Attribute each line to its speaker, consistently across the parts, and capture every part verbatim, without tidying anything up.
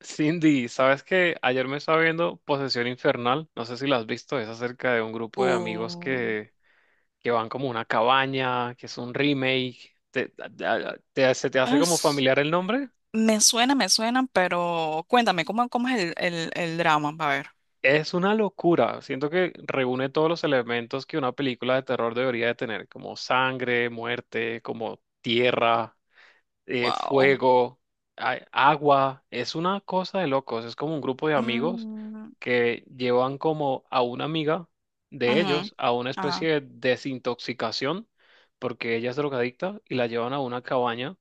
Speaker 1: Cindy, ¿sabes qué? Ayer me estaba viendo Posesión Infernal, no sé si la has visto, es acerca de un grupo de amigos
Speaker 2: Uh,
Speaker 1: que, que van como a una cabaña, que es un remake. ¿Te, te- te- se te hace como
Speaker 2: es,
Speaker 1: familiar el nombre?
Speaker 2: me suena, me suena, pero cuéntame, ¿cómo, cómo es el, el, el drama? A ver.
Speaker 1: Es una locura, siento que reúne todos los elementos que una película de terror debería de tener, como sangre, muerte, como tierra, eh,
Speaker 2: Wow.
Speaker 1: fuego, a- agua, es una cosa de locos, es como un grupo de amigos
Speaker 2: Mm,
Speaker 1: que llevan como a una amiga de
Speaker 2: ujú,
Speaker 1: ellos a una
Speaker 2: ajá,
Speaker 1: especie de desintoxicación, porque ella es drogadicta, y la llevan a una cabaña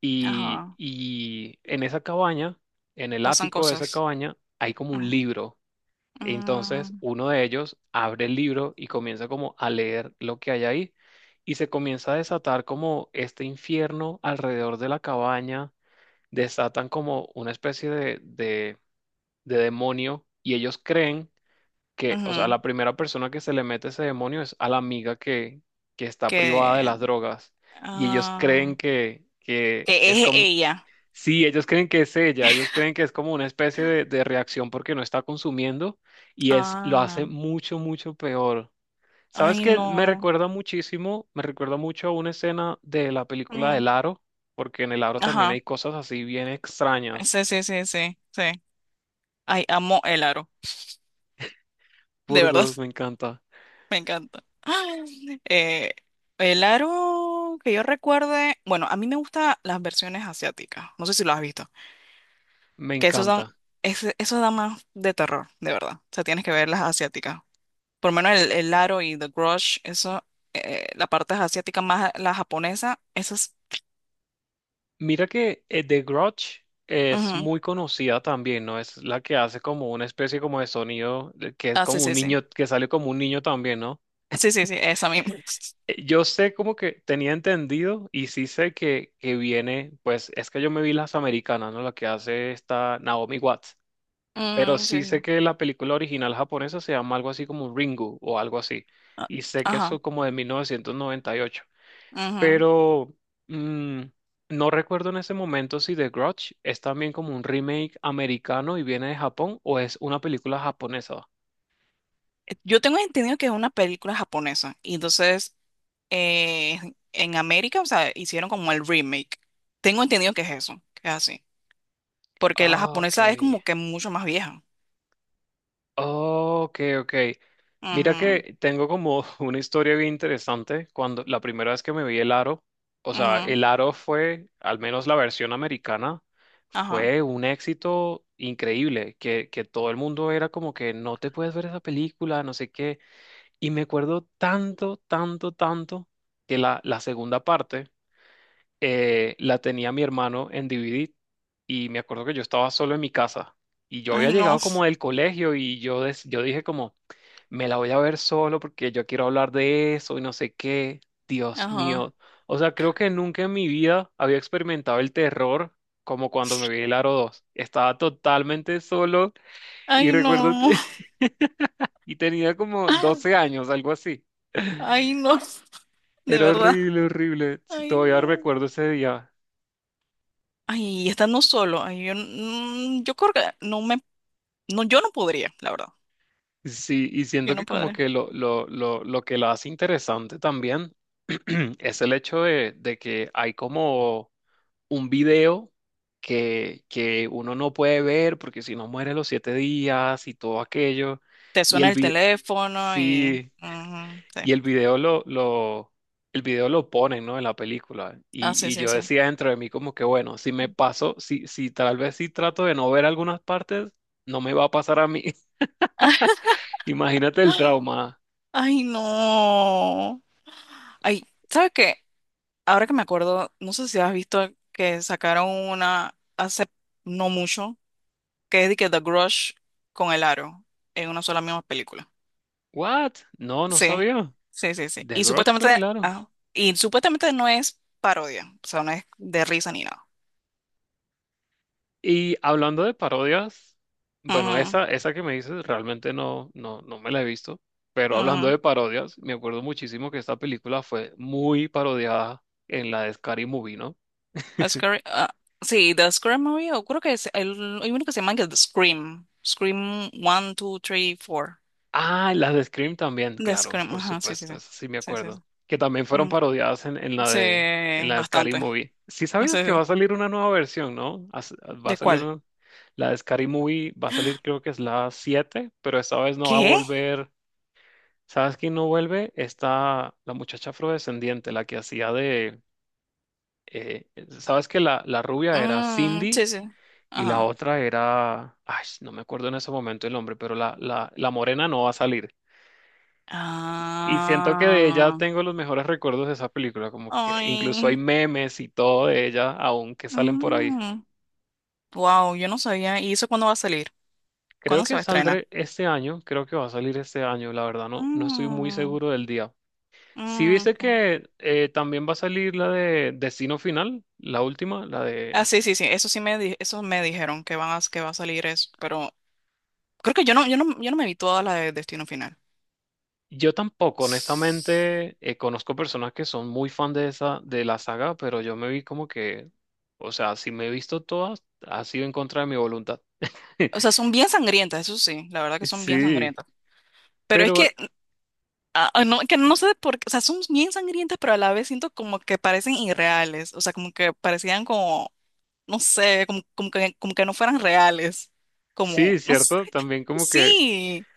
Speaker 1: y,
Speaker 2: ajá.
Speaker 1: y en esa cabaña, en el
Speaker 2: Pasan
Speaker 1: ático de esa
Speaker 2: cosas.
Speaker 1: cabaña, hay como un
Speaker 2: Ajá,
Speaker 1: libro. Entonces,
Speaker 2: mm,
Speaker 1: uno de ellos abre el libro y comienza como a leer lo que hay ahí y se comienza a desatar como este infierno alrededor de la cabaña, desatan como una especie de, de, de demonio y ellos creen que, o sea,
Speaker 2: ujú,
Speaker 1: la primera persona que se le mete ese demonio es a la amiga que, que está privada de
Speaker 2: que,
Speaker 1: las drogas y ellos creen
Speaker 2: ah,
Speaker 1: que, que es
Speaker 2: que es
Speaker 1: como...
Speaker 2: ella.
Speaker 1: Sí, ellos creen que es ella, ellos creen que es como una especie de, de reacción porque no está consumiendo y es lo hace
Speaker 2: Ah,
Speaker 1: mucho, mucho peor. ¿Sabes
Speaker 2: ay,
Speaker 1: qué? Me
Speaker 2: no.
Speaker 1: recuerda muchísimo, me recuerda mucho a una escena de la película
Speaker 2: Mm,
Speaker 1: del Aro, porque en el Aro también hay
Speaker 2: ajá.
Speaker 1: cosas así bien extrañas.
Speaker 2: Sí, sí, sí, sí, sí. Ay, amo el aro. De verdad.
Speaker 1: Burdos, me encanta,
Speaker 2: Me encanta. Eh, el aro que yo recuerde, bueno, a mí me gustan las versiones asiáticas, no sé si lo has visto,
Speaker 1: me
Speaker 2: que esos son,
Speaker 1: encanta.
Speaker 2: ese- esos dan más de terror, de verdad. O sea, tienes que ver las asiáticas. Por lo menos el, el aro y The Grudge, eso, eh, la parte asiática más la japonesa, esas.
Speaker 1: Mira que eh, The Grudge es
Speaker 2: Ujú.
Speaker 1: muy conocida también, ¿no? Es la que hace como una especie como de sonido, eh, que es
Speaker 2: Ah,
Speaker 1: como
Speaker 2: sí,
Speaker 1: un
Speaker 2: sí, sí.
Speaker 1: niño, que sale como un niño también, ¿no?
Speaker 2: Sí, sí, sí, esa misma.
Speaker 1: Eh, Yo sé como que tenía entendido y sí sé que, que viene, pues es que yo me vi las americanas, ¿no? La que hace esta Naomi Watts, pero
Speaker 2: Mm, sí.
Speaker 1: sí
Speaker 2: Sí.
Speaker 1: sé que la película original japonesa se llama algo así como Ringu o algo así,
Speaker 2: Ah,
Speaker 1: y sé que
Speaker 2: ajá.
Speaker 1: eso como de mil novecientos noventa y ocho,
Speaker 2: Ujú.
Speaker 1: pero mm, no recuerdo en ese momento si The Grudge es también como un remake americano y viene de Japón o es una película japonesa.
Speaker 2: Eh, Yo tengo entendido que es una película japonesa, y entonces eh, en América, o sea, hicieron como el remake. Tengo entendido que es eso, que es así. Porque la
Speaker 1: Ah, ok.
Speaker 2: japonesa es como que mucho más vieja.
Speaker 1: Oh, ok, ok. Mira
Speaker 2: Ujú,
Speaker 1: que tengo como una historia bien interesante. Cuando la primera vez que me vi el aro, o sea,
Speaker 2: ujú,
Speaker 1: el aro fue, al menos la versión americana,
Speaker 2: ajá.
Speaker 1: fue un éxito increíble, que, que todo el mundo era como que no te puedes ver esa película, no sé qué. Y me acuerdo tanto, tanto, tanto que la, la segunda parte eh, la tenía mi hermano en D V D y me acuerdo que yo estaba solo en mi casa. Y yo había
Speaker 2: Ay, no.
Speaker 1: llegado como del colegio y yo, des- yo dije como, me la voy a ver solo porque yo quiero hablar de eso y no sé qué. Dios
Speaker 2: Ajá.
Speaker 1: mío. O sea, creo que nunca en mi vida había experimentado el terror como cuando me vi el Aro dos. Estaba totalmente solo y
Speaker 2: Ay,
Speaker 1: recuerdo,
Speaker 2: no.
Speaker 1: y tenía como doce años, algo así.
Speaker 2: Ay, no. De
Speaker 1: Era
Speaker 2: verdad.
Speaker 1: horrible, horrible. Sí.
Speaker 2: Ay,
Speaker 1: Todavía
Speaker 2: no.
Speaker 1: recuerdo ese día.
Speaker 2: Ay, y estando solo. Ay, yo, mm, yo creo que no me, no, yo no podría, la verdad.
Speaker 1: Sí, y
Speaker 2: Yo
Speaker 1: siento que
Speaker 2: no
Speaker 1: como
Speaker 2: podría.
Speaker 1: que lo, lo, lo, lo que lo hace interesante también es el hecho de, de que hay como un video que, que uno no puede ver porque si no muere los siete días y todo aquello.
Speaker 2: Te
Speaker 1: Y
Speaker 2: suena
Speaker 1: el,
Speaker 2: el
Speaker 1: vi-
Speaker 2: teléfono y,
Speaker 1: sí,
Speaker 2: ujú, sí.
Speaker 1: y el video lo, lo, el video lo ponen, ¿no? En la película.
Speaker 2: Ah, sí,
Speaker 1: Y, y
Speaker 2: sí,
Speaker 1: yo
Speaker 2: sí.
Speaker 1: decía dentro de mí como que, bueno, si me paso, si, si tal vez si trato de no ver algunas partes, no me va a pasar a mí. Imagínate el trauma.
Speaker 2: Ay, no. Ay, ¿sabes qué? Ahora que me acuerdo, no sé si has visto que sacaron una hace no mucho, que es de que The Grudge con el aro en una sola misma película.
Speaker 1: What? No, no
Speaker 2: Sí,
Speaker 1: sabía.
Speaker 2: sí, sí, sí.
Speaker 1: The
Speaker 2: Y
Speaker 1: Grudge con
Speaker 2: supuestamente,
Speaker 1: el aro.
Speaker 2: ah, y supuestamente no es parodia, o sea, no es de risa ni nada.
Speaker 1: Y hablando de parodias, bueno,
Speaker 2: Ujú,
Speaker 1: esa, esa que me dices realmente no, no, no me la he visto, pero hablando
Speaker 2: ujú.
Speaker 1: de parodias, me acuerdo muchísimo que esta película fue muy parodiada en la de Scary Movie, ¿no?
Speaker 2: A Scary- ah, sí, The Scream Movie, o creo que es el, hay uno que se llama que The Scream. Scream uno, dos, tres, cuatro.
Speaker 1: Ah, en las de Scream también,
Speaker 2: The
Speaker 1: claro,
Speaker 2: Scream,
Speaker 1: por
Speaker 2: ajá, sí, sí,
Speaker 1: supuesto,
Speaker 2: sí.
Speaker 1: eso sí me
Speaker 2: Sí, sí,
Speaker 1: acuerdo,
Speaker 2: sí.
Speaker 1: que también fueron
Speaker 2: Mm,
Speaker 1: parodiadas en, en la
Speaker 2: sí,
Speaker 1: de, en la de Scary
Speaker 2: bastante.
Speaker 1: Movie. Sí
Speaker 2: Sí, sí.
Speaker 1: sabías que va a
Speaker 2: Sí.
Speaker 1: salir una nueva versión, ¿no? As- Va a
Speaker 2: ¿De
Speaker 1: salir
Speaker 2: cuál?
Speaker 1: una- la de Scary Movie, va a salir creo que es la siete pero esta vez no va a
Speaker 2: ¿Qué?
Speaker 1: volver. ¿Sabes quién no vuelve? Está la muchacha afrodescendiente, la que hacía de... eh, ¿sabes que la, la rubia era
Speaker 2: Mm,
Speaker 1: Cindy
Speaker 2: sí, sí.
Speaker 1: y la
Speaker 2: Ajá.
Speaker 1: otra era... Ay, no me acuerdo en ese momento el nombre, pero la, la, la morena no va a salir. Y siento que de ella
Speaker 2: Ah.
Speaker 1: tengo los mejores recuerdos de esa película, como que incluso hay
Speaker 2: Ay.
Speaker 1: memes y todo de ella aún que salen por ahí.
Speaker 2: Wow, yo no sabía. ¿Y eso cuándo va a salir?
Speaker 1: Creo
Speaker 2: ¿Cuándo se
Speaker 1: que
Speaker 2: va a estrenar?
Speaker 1: saldré este año, creo que va a salir este año, la verdad no, no estoy muy
Speaker 2: Mm,
Speaker 1: seguro del día. Si
Speaker 2: mm,
Speaker 1: viste
Speaker 2: ok.
Speaker 1: que eh, también va a salir la de Destino Final, la última, la
Speaker 2: Ah,
Speaker 1: de...
Speaker 2: sí, sí, sí. Eso sí me di- eso me dijeron que van a, que va a salir eso, pero creo que yo no, yo no, yo no me vi toda la de Destino Final.
Speaker 1: Yo tampoco, honestamente, eh, conozco personas que son muy fan de esa, de la saga, pero yo me vi como que, o sea, si me he visto todas, ha sido en contra de mi voluntad.
Speaker 2: O sea, son bien sangrientas, eso sí, la verdad que son bien
Speaker 1: Sí,
Speaker 2: sangrientas. Pero es
Speaker 1: pero
Speaker 2: que Ah, ah, no, que no sé por qué, o sea, son bien sangrientas, pero a la vez siento como que parecen irreales, o sea, como que parecían como, no sé, como, como que, como que no fueran reales, como,
Speaker 1: sí,
Speaker 2: no sé,
Speaker 1: cierto, también como que
Speaker 2: sí.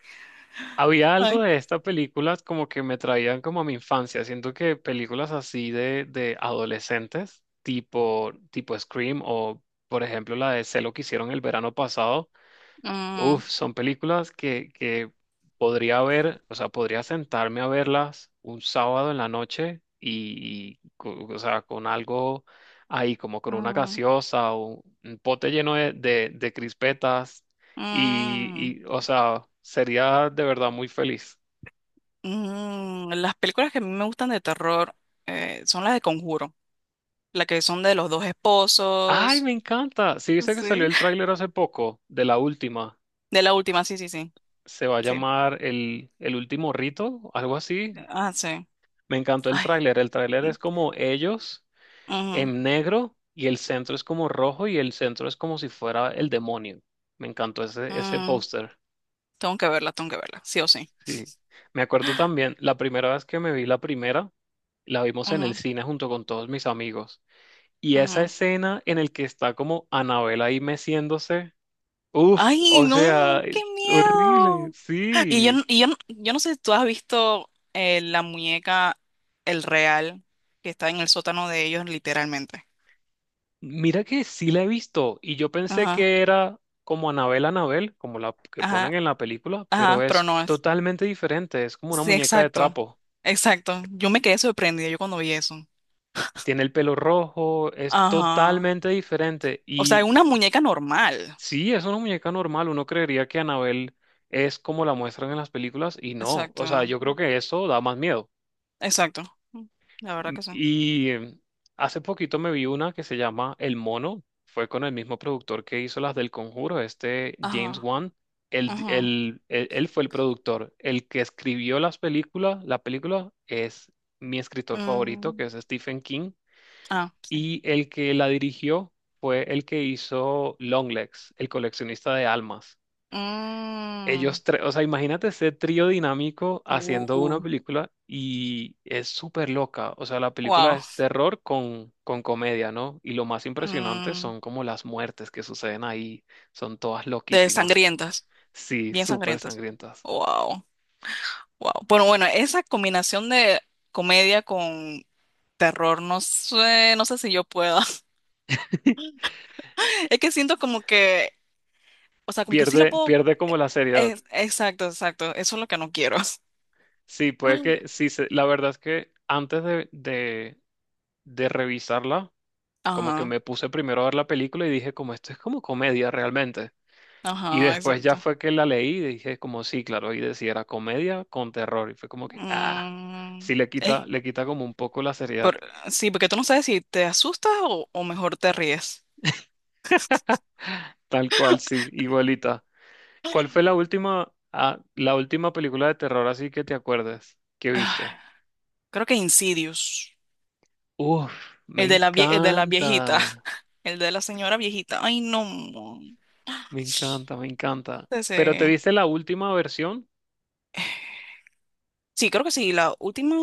Speaker 1: había algo
Speaker 2: Ay.
Speaker 1: de estas películas como que me traían como a mi infancia. Siento que películas así de, de adolescentes, tipo, tipo Scream o, por ejemplo, la de Celo que hicieron el verano pasado.
Speaker 2: Mm,
Speaker 1: Uf, son películas que, que podría ver, o sea, podría sentarme a verlas un sábado en la noche y, y co- o sea, con algo ahí, como con una
Speaker 2: mm,
Speaker 1: gaseosa o un pote lleno de, de, de crispetas
Speaker 2: mm,
Speaker 1: y, y, o sea, sería de verdad muy feliz.
Speaker 2: mm. Las películas que a mí me gustan de terror eh, son las de Conjuro, las que son de los dos
Speaker 1: ¡Ay,
Speaker 2: esposos,
Speaker 1: me encanta! Sí, viste que salió
Speaker 2: sí.
Speaker 1: el tráiler hace poco de la última.
Speaker 2: De la última, sí, sí, sí,
Speaker 1: Se va a
Speaker 2: sí,
Speaker 1: llamar el, el último rito, algo así.
Speaker 2: ah, sí,
Speaker 1: Me encantó el
Speaker 2: ay,
Speaker 1: tráiler. El tráiler
Speaker 2: mm,
Speaker 1: es como ellos
Speaker 2: mm.
Speaker 1: en negro y el centro es como rojo y el centro es como si fuera el demonio. Me encantó ese, ese
Speaker 2: Mm.
Speaker 1: póster.
Speaker 2: Tengo que verla, tengo que verla, sí o sí.
Speaker 1: Sí. Me acuerdo también, la primera vez que me vi la primera, la vimos en el
Speaker 2: Ujú,
Speaker 1: cine junto con todos mis amigos. Y esa
Speaker 2: ujú.
Speaker 1: escena en el que está como Anabel ahí meciéndose, uff,
Speaker 2: Ay,
Speaker 1: o sea,
Speaker 2: no, qué
Speaker 1: horrible,
Speaker 2: miedo. Y yo,
Speaker 1: sí.
Speaker 2: n- y yo, n- yo no sé si tú has visto eh, la muñeca, el real, que está en el sótano de ellos, literalmente.
Speaker 1: Mira que sí la he visto y yo pensé
Speaker 2: Ajá,
Speaker 1: que era como Anabel Anabel, como la que ponen
Speaker 2: ajá,
Speaker 1: en la película, pero
Speaker 2: ajá, pero
Speaker 1: es
Speaker 2: no es.
Speaker 1: totalmente diferente, es como una
Speaker 2: Sí,
Speaker 1: muñeca de
Speaker 2: exacto,
Speaker 1: trapo.
Speaker 2: exacto. Yo me quedé sorprendida yo cuando vi eso.
Speaker 1: Tiene el pelo rojo, es
Speaker 2: Ajá.
Speaker 1: totalmente diferente
Speaker 2: O sea,
Speaker 1: y
Speaker 2: una muñeca normal.
Speaker 1: sí, es una muñeca normal, uno creería que Anabel es como la muestran en las películas y no,
Speaker 2: Exacto,
Speaker 1: o sea, yo creo que eso da más miedo.
Speaker 2: exacto. La verdad
Speaker 1: Mm,
Speaker 2: que sí.
Speaker 1: Y eh, hace poquito me vi una que se llama El Mono. Fue con el mismo productor que hizo las del Conjuro, este James
Speaker 2: Ajá,
Speaker 1: Wan. Él, di-
Speaker 2: ajá.
Speaker 1: él- él- él fue el productor. El que escribió las películas, la película es mi escritor favorito,
Speaker 2: Mm,
Speaker 1: que es Stephen King.
Speaker 2: ah, sí.
Speaker 1: Y el que la dirigió fue el que hizo Longlegs, el coleccionista de almas.
Speaker 2: Mm.
Speaker 1: Ellos tres, o sea, imagínate ese trío dinámico haciendo una
Speaker 2: Uh.
Speaker 1: película y es súper loca. O sea, la película
Speaker 2: Wow.
Speaker 1: es terror con, con comedia, ¿no? Y lo más impresionante
Speaker 2: Mm,
Speaker 1: son como las muertes que suceden ahí. Son todas
Speaker 2: de
Speaker 1: loquísimas.
Speaker 2: sangrientas,
Speaker 1: Sí,
Speaker 2: bien
Speaker 1: súper
Speaker 2: sangrientas.
Speaker 1: sangrientas.
Speaker 2: Wow, wow. Bueno, bueno, esa combinación de comedia con terror, no sé, no sé si yo pueda. Es que siento como que, o sea, como que sí lo
Speaker 1: Pierde,
Speaker 2: puedo.
Speaker 1: pierde como la seriedad.
Speaker 2: Es- exacto, exacto. Eso es lo que no quiero.
Speaker 1: Sí, puede que, sí, se- la verdad es que antes de, de, de revisarla, como que
Speaker 2: Ajá,
Speaker 1: me puse primero a ver la película y dije, como esto es como comedia realmente. Y
Speaker 2: ajá,
Speaker 1: después ya
Speaker 2: exacto.
Speaker 1: fue que la leí y dije como sí, claro, y decía era comedia con terror. Y fue como que, ah, sí
Speaker 2: Mm,
Speaker 1: le quita,
Speaker 2: eh,
Speaker 1: le quita como un poco la seriedad.
Speaker 2: por- sí, porque tú no sabes si te asustas o, o mejor te ríes.
Speaker 1: Tal cual, sí, igualita. ¿Cuál fue la última, ah, la última película de terror así que te acuerdes que viste?
Speaker 2: Ah, creo que Insidious,
Speaker 1: Uf, me
Speaker 2: el de la, vie- el de la viejita.
Speaker 1: encanta,
Speaker 2: El de la señora viejita. Ay, no.
Speaker 1: me encanta, me encanta. ¿Pero te
Speaker 2: Ese-
Speaker 1: viste la última versión?
Speaker 2: Sí, creo que sí. La última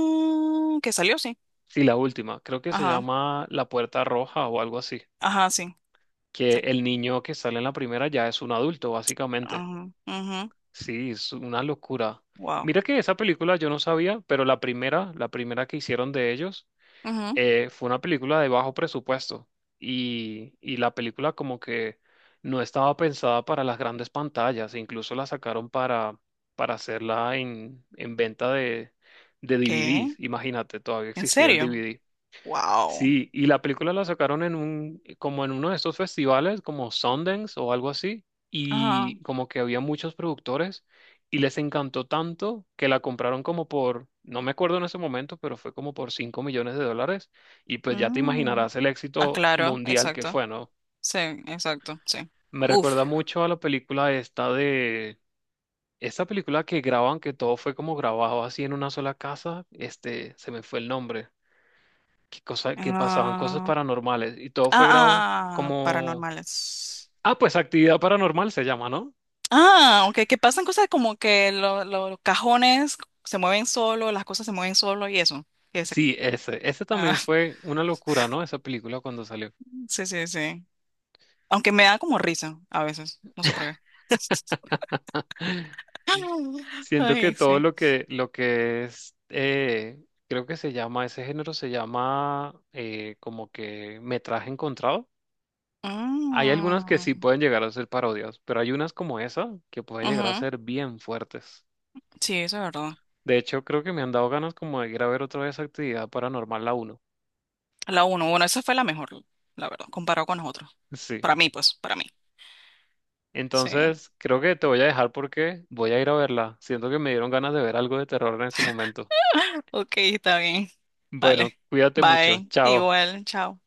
Speaker 2: que salió, sí.
Speaker 1: Sí, la última. Creo que se
Speaker 2: Ajá.
Speaker 1: llama La Puerta Roja o algo así.
Speaker 2: Ajá, sí.
Speaker 1: Que
Speaker 2: Sí.
Speaker 1: el niño que sale en la primera ya es un adulto, básicamente.
Speaker 2: Ajá. Ujú,
Speaker 1: Sí, es una locura.
Speaker 2: wow.
Speaker 1: Mira que esa película yo no sabía, pero la primera, la primera que hicieron de ellos,
Speaker 2: Ujú.
Speaker 1: eh, fue una película de bajo presupuesto. Y, y la película como que no estaba pensada para las grandes pantallas, e incluso la sacaron para, para hacerla en, en venta de, de D V Ds.
Speaker 2: ¿Qué?
Speaker 1: Imagínate, todavía
Speaker 2: ¿En
Speaker 1: existía el
Speaker 2: serio?
Speaker 1: D V D.
Speaker 2: Wow.
Speaker 1: Sí, y la película la sacaron en un, eh, como en uno de estos festivales, como Sundance o algo así,
Speaker 2: Ajá.
Speaker 1: y como que había muchos productores y les encantó tanto que la compraron como por, no me acuerdo en ese momento, pero fue como por cinco millones de dólares y pues ya te
Speaker 2: Mm.
Speaker 1: imaginarás el
Speaker 2: Ah,
Speaker 1: éxito
Speaker 2: claro.
Speaker 1: mundial que
Speaker 2: Exacto.
Speaker 1: fue, ¿no?
Speaker 2: Sí, exacto. Sí.
Speaker 1: Me
Speaker 2: Uf.
Speaker 1: recuerda mucho a la película esta de, esta película que graban, que todo fue como grabado así en una sola casa, este, se me fue el nombre. que, cosa, que pasaban cosas
Speaker 2: Ah,
Speaker 1: paranormales y todo
Speaker 2: ah,
Speaker 1: fue grabado
Speaker 2: ah, ah,
Speaker 1: como...
Speaker 2: paranormales.
Speaker 1: Ah, pues Actividad Paranormal se llama, ¿no?
Speaker 2: Ah, ok, que pasan cosas como que lo- lo- los cajones se mueven solo, las cosas se mueven solo y eso. que se-
Speaker 1: Sí, ese. Ese
Speaker 2: ah,
Speaker 1: también fue una locura, ¿no? Esa película cuando salió.
Speaker 2: sí, sí, sí. Aunque me da como risa a veces, no sé por qué.
Speaker 1: Siento que
Speaker 2: Ay,
Speaker 1: todo
Speaker 2: sí.
Speaker 1: lo que, lo que es, eh, creo que se llama, ese género se llama eh, como que metraje encontrado. Hay algunas que
Speaker 2: Mm,
Speaker 1: sí pueden llegar a ser parodias, pero hay unas como esa que pueden llegar a
Speaker 2: ujú,
Speaker 1: ser bien fuertes.
Speaker 2: sí, eso es verdad.
Speaker 1: De hecho, creo que me han dado ganas como de ir a ver otra vez Actividad Paranormal la uno.
Speaker 2: La uno, bueno, esa fue la mejor, la verdad, comparado con nosotros.
Speaker 1: Sí.
Speaker 2: Para mí, pues, para mí. Sí.
Speaker 1: Entonces, creo que te voy a dejar porque voy a ir a verla. Siento que me dieron ganas de ver algo de terror en ese momento.
Speaker 2: Ok, está bien.
Speaker 1: Bueno,
Speaker 2: Vale.
Speaker 1: cuídate mucho.
Speaker 2: Bye.
Speaker 1: Chao.
Speaker 2: Igual, chao.